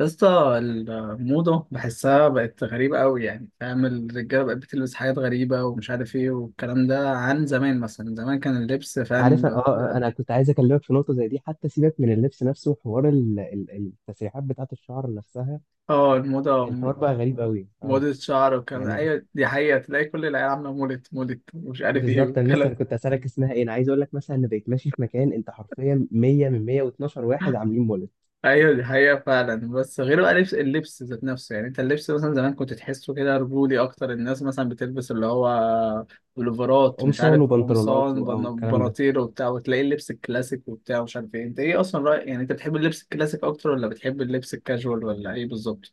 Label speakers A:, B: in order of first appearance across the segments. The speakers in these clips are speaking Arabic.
A: يا اسطى، الموضة بحسها بقت غريبة قوي، يعني فاهم؟ الرجالة بقت بتلبس حاجات غريبة ومش عارف ايه، والكلام ده عن زمان. مثلا زمان كان اللبس فاهم.
B: عارف، انا كنت عايز اكلمك في نقطه زي دي، حتى سيبك من اللبس نفسه. حوار التسريحات بتاعت الشعر نفسها،
A: اه الموضة
B: الحوار بقى غريب قوي اه.
A: موضة شعر والكلام ده.
B: يعني
A: ايوه دي حقيقة، تلاقي كل العيال عاملة مولت مولت ومش عارف ايه
B: بالظبط، انا لسه
A: والكلام.
B: كنت اسالك اسمها ايه. انا عايز اقول لك مثلا انا بقيت ماشي في مكان، انت حرفيا 100 من 112 واحد عاملين مولد
A: ايوه دي حقيقة فعلا، بس غير بقى لبس، اللبس ذات نفسه. يعني انت اللبس مثلا زمان كنت تحسه كده رجولي اكتر، الناس مثلا بتلبس اللي هو بلوفرات، مش
B: قمصان
A: عارف،
B: وبنطلونات
A: قمصان،
B: او الكلام ده.
A: بناطيل وبتاع، وتلاقي اللبس الكلاسيك وبتاع ومش عارف ايه. انت ايه اصلا رأيك، يعني انت بتحب اللبس الكلاسيك اكتر ولا بتحب اللبس الكاجوال ولا ايه بالظبط؟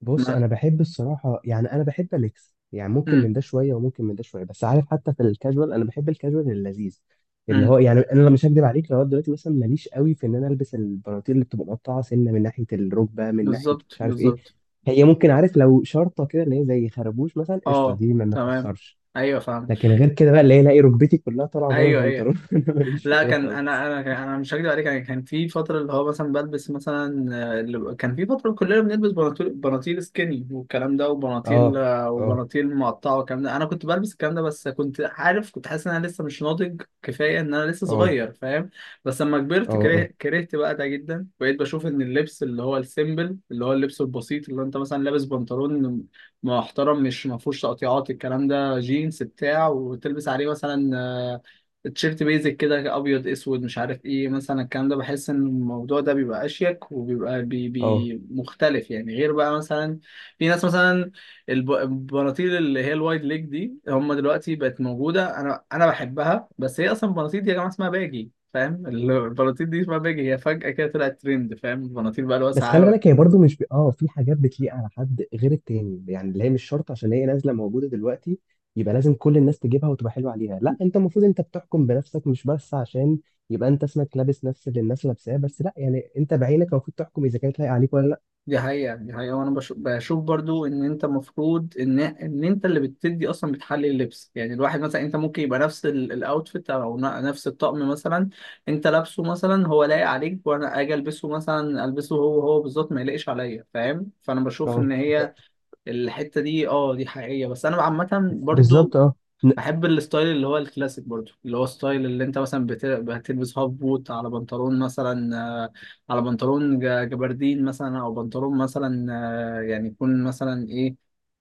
B: بص،
A: ما،
B: انا بحب الصراحه، يعني انا بحب ميكس، يعني ممكن
A: امم
B: من ده شويه وممكن من ده شويه. بس عارف، حتى في الكاجوال انا بحب الكاجوال اللذيذ اللي
A: امم
B: هو، يعني انا لو مش هكدب عليك، لو دلوقتي مثلا ماليش قوي في ان انا البس البناطيل اللي بتبقى مقطعه سنه من ناحيه الركبه، من ناحيه
A: بالظبط
B: مش عارف ايه.
A: بالظبط.
B: هي ممكن، عارف، لو شرطه كده اللي هي زي خربوش مثلا، قشطه،
A: اه،
B: دي ما
A: تمام.
B: تاثرش.
A: ايوه فاهم.
B: لكن غير كده بقى اللي هي الاقي ركبتي كلها طالعه بره
A: ايوه ايوه.
B: البنطلون، انا ماليش في
A: لا
B: كده
A: كان،
B: خالص.
A: انا مش هكدب عليك، يعني كان في فتره اللي هو مثلا بلبس مثلا كان في فتره كلنا بنلبس بناطيل، سكيني والكلام ده، وبناطيل
B: اه اه
A: وبناطيل مقطعه والكلام ده. انا كنت بلبس الكلام ده، بس كنت عارف، كنت حاسس ان انا لسه مش ناضج كفايه، ان انا لسه
B: اه
A: صغير فاهم. بس لما
B: اه
A: كبرت
B: اه
A: كرهت بقى ده جدا، بقيت بشوف ان اللبس اللي هو السيمبل، اللي هو اللبس البسيط، اللي انت مثلا لابس بنطلون محترم مش ما فيهوش تقطيعات الكلام ده، جينز بتاع، وتلبس عليه مثلا تيشيرت بيزك كده، ابيض اسود مش عارف ايه مثلا الكلام ده، بحس ان الموضوع ده بيبقى اشيك وبيبقى
B: اه.
A: بي مختلف. يعني غير بقى مثلا في ناس مثلا البناطيل اللي هي الوايد ليج دي، هم دلوقتي بقت موجوده، انا بحبها. بس هي اصلا البناطيل دي يا جماعه اسمها باجي، فاهم؟ البناطيل دي اسمها باجي، هي فجاه كده طلعت ترند، فاهم؟ البناطيل بقى
B: بس خلي
A: الواسعه.
B: بالك، هي برضو مش ب... اه في حاجات بتليق على حد غير التاني، يعني اللي هي مش شرط عشان هي نازله موجوده دلوقتي يبقى لازم كل الناس تجيبها وتبقى حلوه عليها. لا، انت المفروض انت بتحكم بنفسك، مش بس عشان يبقى انت اسمك لابس نفس اللي الناس لابساه. بس لا، يعني انت بعينك المفروض تحكم اذا كانت لايقه عليك ولا لا.
A: دي حقيقة، دي حقيقة. وأنا بشوف برضو إن أنت المفروض إن أنت اللي بتدي أصلا، بتحلي اللبس. يعني الواحد مثلا أنت ممكن يبقى نفس الأوتفيت أو نفس الطقم مثلا أنت لابسه، مثلا هو لايق عليك، وأنا أجي ألبسه مثلا، هو هو بالظبط ما يلاقيش عليا، فاهم؟ فأنا بشوف
B: اه،
A: إن هي الحتة دي أه دي حقيقية. بس أنا عامة برضو
B: بالظبط. اه، ن-
A: بحب الستايل اللي هو الكلاسيك برضو، اللي هو الستايل اللي انت مثلا بتلبس هاف بوت على بنطلون مثلا، آه، على بنطلون جبردين مثلا، او بنطلون مثلا يعني يكون مثلا ايه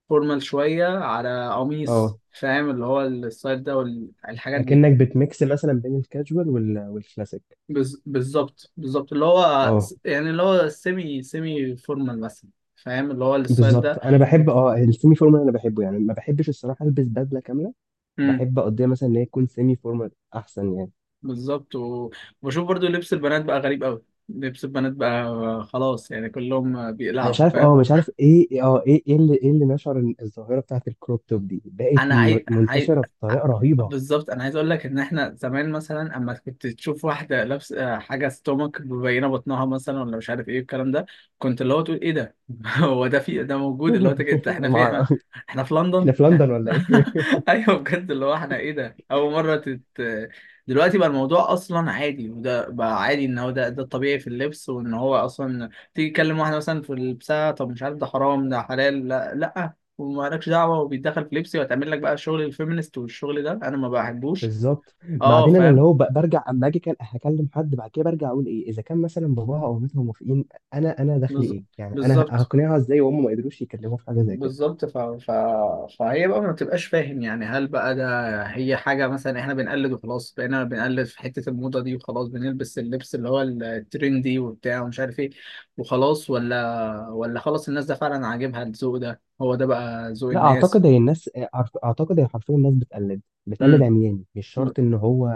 A: فورمال شوية على
B: اه،
A: قميص، فاهم؟ اللي هو الستايل ده والحاجات دي.
B: اكنك بتميكس مثلا بين الكاجوال والكلاسيك.
A: بالظبط بالظبط. اللي هو
B: اه،
A: يعني اللي هو سيمي فورمال مثلا. فاهم اللي هو الستايل
B: بالظبط.
A: ده.
B: انا بحب
A: وت-
B: اه السيمي فورمال، انا بحبه، يعني ما بحبش الصراحه البس بدله كامله، بحب اقضيها مثلا ان هي تكون سيمي فورمال احسن يعني.
A: بالظبط. وبشوف برضو لبس البنات بقى غريب قوي. لبس البنات بقى خلاص، يعني كلهم
B: انا مش
A: بيقلعوا
B: عارف، اه
A: فاهم.
B: مش عارف ايه، اه ايه ايه اللي ايه اللي نشر إن الظاهره بتاعت الكروب توب دي بقت
A: انا عاي... عاي...
B: منتشره بطريقه رهيبه.
A: بالظبط انا عايز اقول لك ان احنا زمان مثلا اما كنت تشوف واحده لابسه حاجه ستومك مبينه بطنها مثلا، ولا مش عارف ايه الكلام ده، كنت اللي هو تقول ايه ده؟ هو ده في؟ ده موجود؟ اللي هو انت، احنا،
B: مع...
A: احنا في
B: احنا
A: لندن؟
B: في لندن ولا ايه؟
A: ايوه بجد، اللي هو احنا ايه ده، اول مره دلوقتي بقى الموضوع اصلا عادي، وده بقى عادي ان هو ده، ده الطبيعي في اللبس. وان هو اصلا تيجي تكلم واحده مثلا في لبسها، طب مش عارف ده حرام ده حلال، لا لا، ومالكش دعوه، وبيتدخل في لبسي، وهتعمل لك بقى شغل الفيمينست والشغل ده، انا ما بحبوش.
B: بالظبط.
A: اه
B: بعدين انا اللي
A: فاهم.
B: هو برجع اما اجي، كان هكلم حد، بعد كده برجع اقول ايه اذا كان مثلا باباها او مامتها موافقين. انا دخلي
A: بز-
B: ايه؟ يعني انا
A: بالظبط
B: هقنعها ازاي وهم ما قدروش يكلموها في حاجه زي كده.
A: بالظبط. فهي بقى ما بتبقاش فاهم. يعني هل بقى ده هي حاجة مثلا احنا بنقلد وخلاص، بقينا بنقلد في حتة الموضة دي وخلاص، بنلبس اللبس اللي هو الترندي وبتاع ومش عارف ايه وخلاص، ولا خلاص الناس ده فعلا عاجبها الذوق ده، هو ده بقى ذوق
B: لا،
A: الناس؟
B: اعتقد هي الناس، اعتقد هي حرفيا الناس بتقلد
A: امم
B: عمياني، مش شرط ان هو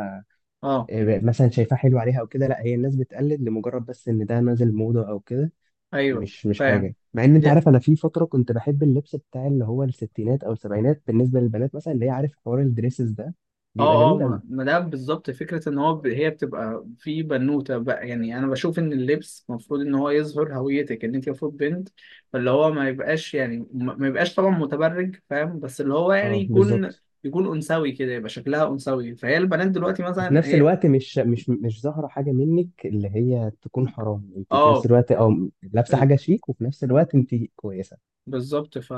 A: اه.
B: آه، مثلا شايفاه حلو عليها او كده. لا، هي الناس بتقلد لمجرد بس ان ده نازل موضه او كده،
A: ايوه
B: مش
A: فاهم.
B: حاجه. مع ان انت عارف، انا في فتره كنت بحب اللبس بتاع اللي هو الستينات او السبعينات بالنسبه للبنات مثلا، اللي هي عارف حوار الدريسز ده، بيبقى
A: اه اه،
B: جميل
A: ما
B: قوي.
A: ما ده بالظبط فكرة ان هو هي بتبقى في بنوتة بقى. يعني انا بشوف ان اللبس المفروض ان هو يظهر هويتك، ان انت المفروض بنت، فاللي هو ما يبقاش، يعني ما يبقاش طبعا متبرج، فاهم؟ بس اللي هو يعني
B: اه،
A: يكون،
B: بالظبط.
A: يكون انثوي كده، يبقى شكلها انثوي. فهي البنات دلوقتي
B: وفي
A: مثلا
B: نفس
A: هي،
B: الوقت مش ظاهره حاجه منك اللي هي تكون حرام، انت في نفس
A: اه
B: الوقت اه لابسه حاجه شيك وفي نفس الوقت انت كويسه.
A: بالظبط.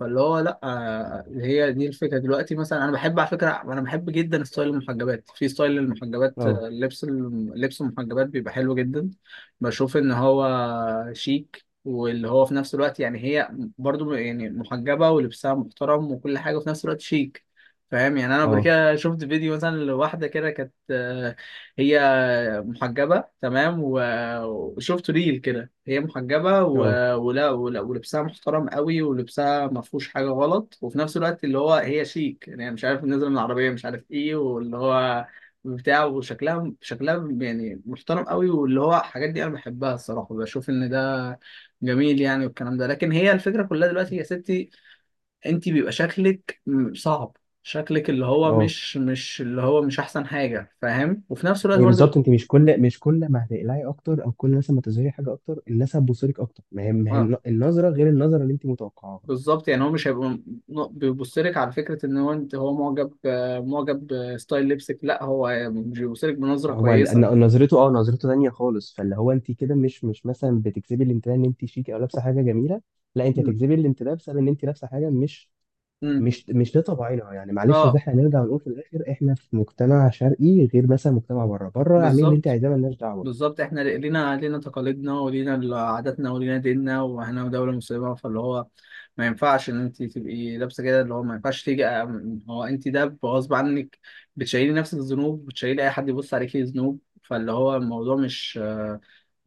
A: فاللي هو لا، اللي هي دي الفكره دلوقتي. مثلا انا بحب، على فكره، انا بحب جدا ستايل المحجبات، في ستايل المحجبات،
B: اه
A: لبس لبس المحجبات بيبقى حلو جدا. بشوف ان هو شيك، واللي هو في نفس الوقت يعني هي برضو يعني محجبه ولبسها محترم وكل حاجه وفي نفس الوقت شيك، فاهم؟ يعني انا قبل
B: اه
A: كده شفت فيديو مثلا لواحده كده، كانت هي محجبة تمام وشفت ريل كده، هي محجبة
B: اه
A: ولبسها محترم قوي، ولبسها ما فيهوش حاجة غلط، وفي نفس الوقت اللي هو هي شيك. يعني مش عارف نازلة من العربية مش عارف ايه، واللي هو بتاع، وشكلها، شكلها يعني محترم قوي، واللي هو الحاجات دي انا بحبها الصراحة. بشوف ان ده جميل يعني والكلام ده. لكن هي الفكرة كلها دلوقتي يا ستي، انت بيبقى شكلك صعب، شكلك اللي هو
B: اه.
A: مش اللي هو مش احسن حاجة، فاهم؟ وفي نفس الوقت
B: هي بالظبط،
A: برضو
B: انت مش كل ما هتقلعي اكتر، او كل مثلا ما تظهري حاجه اكتر الناس هتبصلك اكتر، ما هي
A: اه
B: النظره غير النظره اللي انت متوقعاها.
A: بالظبط. يعني هو مش هيبقى، بيبص لك على فكره ان هو انت هو معجب، معجب بستايل لبسك، لا هو مش بيبص لك بنظره
B: هو
A: كويسه.
B: نظرته اه، نظرته تانية خالص. فاللي هو انت كده مش مثلا بتجذبي الانتباه ان انت شيك او لابسه حاجه جميله. لا، انت
A: امم
B: هتجذبي الانتباه بسبب ان انت لابسه حاجه مش
A: امم
B: مش مش لطبعنا، يعني معلش، اصل
A: اه
B: احنا هنرجع ونقول في الاخر احنا في مجتمع شرقي، غير مثلا مجتمع بره. بره اعملي اللي انت
A: بالظبط.
B: عايزاه، ملناش دعوه.
A: بالظبط احنا لينا، لينا تقاليدنا ولينا عاداتنا ولينا ديننا، واحنا دولة مسلمة، فاللي هو ما ينفعش ان انت تبقي لابسة كده، اللي هو ما ينفعش تيجي هو انت ده غصب عنك، بتشيلي نفسك ذنوب، بتشيلي اي حد يبص عليكي ذنوب. فاللي هو الموضوع مش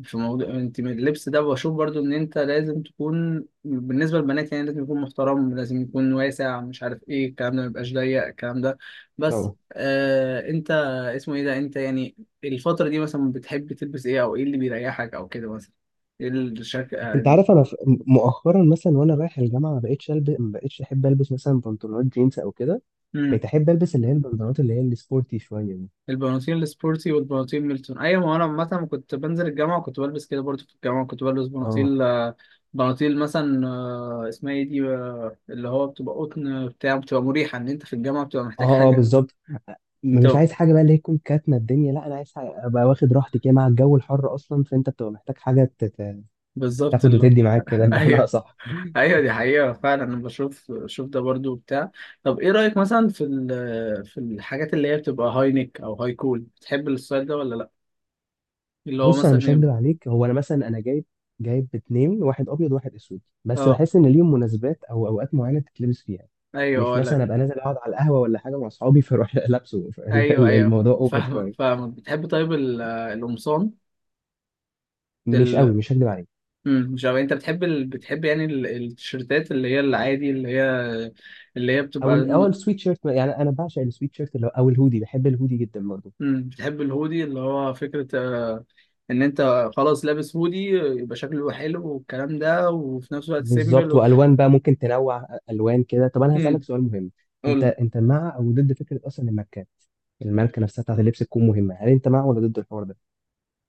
A: في موضوع، انت من اللبس ده بشوف برضو ان انت لازم تكون بالنسبة للبنات يعني لازم يكون محترم، لازم يكون واسع مش عارف ايه الكلام ده، ما يبقاش ضيق الكلام ده. بس آه انت اسمه ايه ده، انت يعني الفترة دي مثلا بتحب تلبس ايه، او ايه اللي بيريحك او كده مثلا، ايه الشكل
B: انت عارف، انا مؤخرا مثلا وانا رايح الجامعه ما بقتش احب البس مثلا بنطلونات جينز او كده.
A: مم.
B: بقيت احب البس اللي هي البنطلونات اللي هي السبورتي شويه دي.
A: البناطيل السبورتي والبناطيل ميلتون، ايوه ما انا عامة كنت بنزل الجامعة وكنت بلبس كده برضو. في الجامعة كنت بلبس
B: اه
A: بناطيل بناطيل مثلا اسمها ايه دي اللي هو بتبقى قطن بتاع، بتبقى مريحة، ان انت في الجامعة بتبقى محتاج
B: اه اه،
A: حاجة.
B: بالظبط. مش
A: بتبقى
B: عايز حاجه بقى اللي هي تكون كاتمه الدنيا، لا انا عايز حاجة ابقى واخد راحتي كده مع الجو الحر اصلا. فانت بتبقى محتاج حاجه
A: بالظبط
B: تاخد
A: اللي،
B: وتدي معاك كده، بمعنى
A: ايوه
B: اصح.
A: ايوه دي حقيقة فعلا. انا بشوف، شوف ده برضو بتاع. طب ايه رأيك مثلا في في الحاجات اللي هي بتبقى هاي نيك او هاي كول، بتحب الستايل ده ولا لا؟ اللي هو
B: بص انا مش
A: مثلا
B: هكدب عليك، هو انا مثلا انا جايب اتنين، واحد ابيض وواحد اسود، بس
A: اه،
B: بحس ان ليهم مناسبات او اوقات معينه تتلبس فيها.
A: ايوه
B: مش مثلا
A: ولا.
B: ابقى نازل اقعد على القهوه ولا حاجه مع اصحابي فاروح لابسه،
A: ايوه ايوه.
B: الموضوع اوفر
A: فاهم
B: شويه.
A: فاهم. بتحب طيب القمصان؟
B: مش قوي،
A: ال...
B: مش هكدب عليك.
A: مش عارف انت بتحب بتحب يعني التيشيرتات اللي هي العادي، اللي هي اللي هي بتبقى،
B: او السويت شيرت، يعني انا بعشق السويت شيرت اللي او الهودي، بحب الهودي جدا برضه.
A: بتحب الهودي، اللي هو فكرة ان انت خلاص لابس هودي يبقى شكله حلو والكلام ده، وفي نفس الوقت سيمبل
B: بالظبط، والوان بقى ممكن تنوع الوان كده. طب انا هسالك
A: امم
B: سؤال مهم، انت مع او ضد فكره اصلا الماركات، الماركه نفسها بتاعت اللبس تكون مهمه؟ هل انت مع ولا ضد الحوار ده؟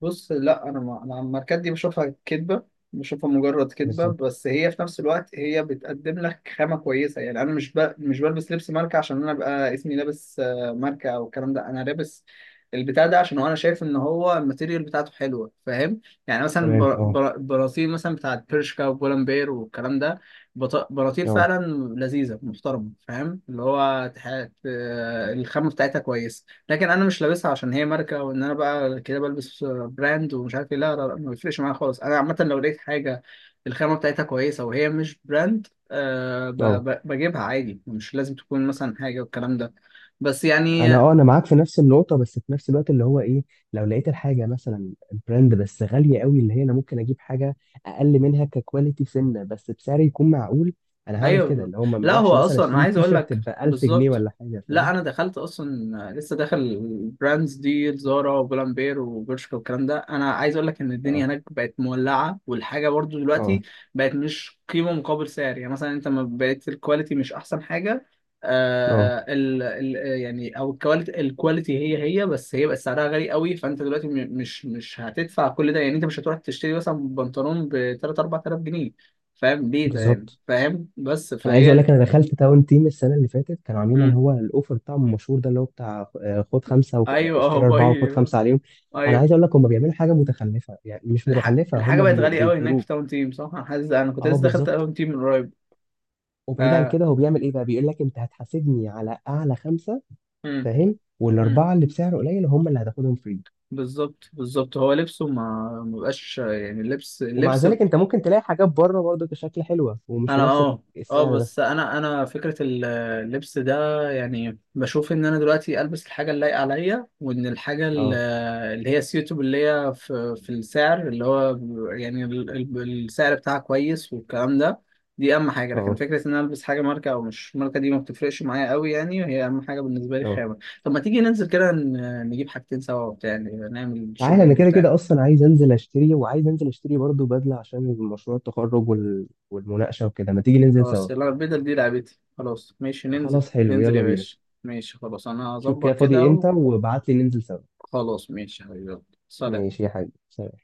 A: بص لا، انا ما انا الماركات دي بشوفها كدبه، بشوفها مجرد كدبه.
B: بالظبط،
A: بس هي في نفس الوقت هي بتقدم لك خامه كويسه. يعني انا مش بلبس لبس ماركه عشان انا ابقى اسمي لابس ماركه او الكلام ده، انا لابس البتاع ده عشان هو انا شايف ان هو الماتيريال بتاعته حلوه، فاهم؟ يعني مثلا
B: تمام. اه
A: براطيل مثلا بتاعت برشكا وبولمبير والكلام ده، براطيل
B: اه
A: فعلا لذيذه محترمه، فاهم؟ اللي هو الخامه بتاعتها كويسه. لكن انا مش لابسها عشان هي ماركه، وان انا بقى كده بلبس براند ومش عارف ايه، لا لا لا، ما بيفرقش معايا خالص. انا عامه لو لقيت حاجه الخامه بتاعتها كويسه وهي مش براند أه،
B: اه،
A: بجيبها عادي، مش لازم تكون مثلا حاجه والكلام ده. بس
B: انا
A: يعني
B: اه، انا معاك في نفس النقطه، بس في نفس الوقت اللي هو ايه، لو لقيت الحاجه مثلا براند بس غاليه قوي، اللي هي انا ممكن اجيب حاجه اقل منها ككواليتي سنه بس بسعر يكون معقول، انا هعمل كده.
A: ايوه،
B: اللي هو ما
A: لا هو
B: اروحش مثلا
A: اصلا انا
B: اشتري
A: عايز
B: تي
A: اقول
B: شيرت
A: لك
B: ب 1000 جنيه
A: بالظبط،
B: ولا حاجه،
A: لا
B: فاهم.
A: انا دخلت اصلا لسه داخل البراندز دي زارا وبولامبير وبرشكا والكلام ده، انا عايز اقول لك ان الدنيا
B: اه
A: هناك بقت مولعه، والحاجه برضو دلوقتي
B: اه
A: بقت مش قيمه مقابل سعر. يعني مثلا انت ما بقت الكواليتي مش احسن حاجه،
B: اه،
A: آه ال يعني او الكواليتي، هي هي، بس هي بقت سعرها غالي قوي. فانت دلوقتي مش هتدفع كل ده، يعني انت مش هتروح تشتري مثلا بنطلون ب 3 4000 جنيه، فاهم ليه ده يعني؟
B: بالظبط.
A: فاهم بس
B: انا عايز اقول
A: فهي،
B: لك، انا دخلت تاون تيم السنه اللي فاتت كانوا عاملين اللي
A: مم.
B: هو الاوفر بتاعهم المشهور ده، اللي هو بتاع آه، خد خمسه
A: ايوه، اه
B: واشتري اربعه وخد
A: باي.
B: خمسه عليهم. انا
A: ايوه،
B: عايز اقول لك هم بيعملوا حاجه متخلفه، يعني مش متخلفه،
A: الحاجه
B: هم
A: بقت غاليه قوي هناك في
B: بيجبروك.
A: تاون تيم، صح؟ انا حاسس، انا كنت
B: اه،
A: لسه دخلت
B: بالظبط.
A: تاون تيم من قريب.
B: وبعيد عن
A: آه.
B: كده، هو بيعمل ايه بقى؟ بيقول لك انت هتحاسبني على اعلى خمسه،
A: مم.
B: فاهم،
A: مم.
B: والاربعه اللي بسعر قليل هم اللي هتاخدهم فري.
A: بالظبط بالظبط، هو لبسه ما مبقاش. يعني اللبس،
B: ومع
A: اللبس
B: ذلك، انت ممكن تلاقي حاجات بره برضه كشكل حلوه ومش
A: انا
B: بنفس
A: اه، اه
B: السعر ده.
A: بس انا، انا فكره اللبس ده، يعني بشوف ان انا دلوقتي البس الحاجه اللايقه عليا، وان الحاجه
B: اه
A: اللي هي سيوتب، اللي هي في في السعر اللي هو، يعني السعر بتاعها كويس والكلام ده. دي اهم حاجه، لكن
B: اه
A: فكره ان انا البس حاجه ماركه او مش ماركه دي ما بتفرقش معايا قوي. يعني هي اهم حاجه بالنسبه لي
B: اه.
A: خامه. طب ما تيجي ننزل كده نجيب حاجتين سوا وبتاع، يعني نعمل
B: تعالى، انا
A: شوبينج
B: كده
A: بتاع.
B: كده اصلا عايز انزل اشتري، وعايز انزل اشتري برضه بدله عشان مشروع التخرج والمناقشه وكده، ما تيجي ننزل
A: خلاص،
B: سوا.
A: يلا البدل دي لعبتي، خلاص ماشي، ننزل
B: خلاص حلو،
A: يا
B: يلا بينا.
A: باشا. ماشي خلاص، انا
B: شوف كده
A: هظبط كده.
B: فاضي امتى وابعت لي ننزل سوا.
A: وخلاص ماشي يا حبيبي، يلا. سلام.
B: ماشي يا حبيبي، سلام.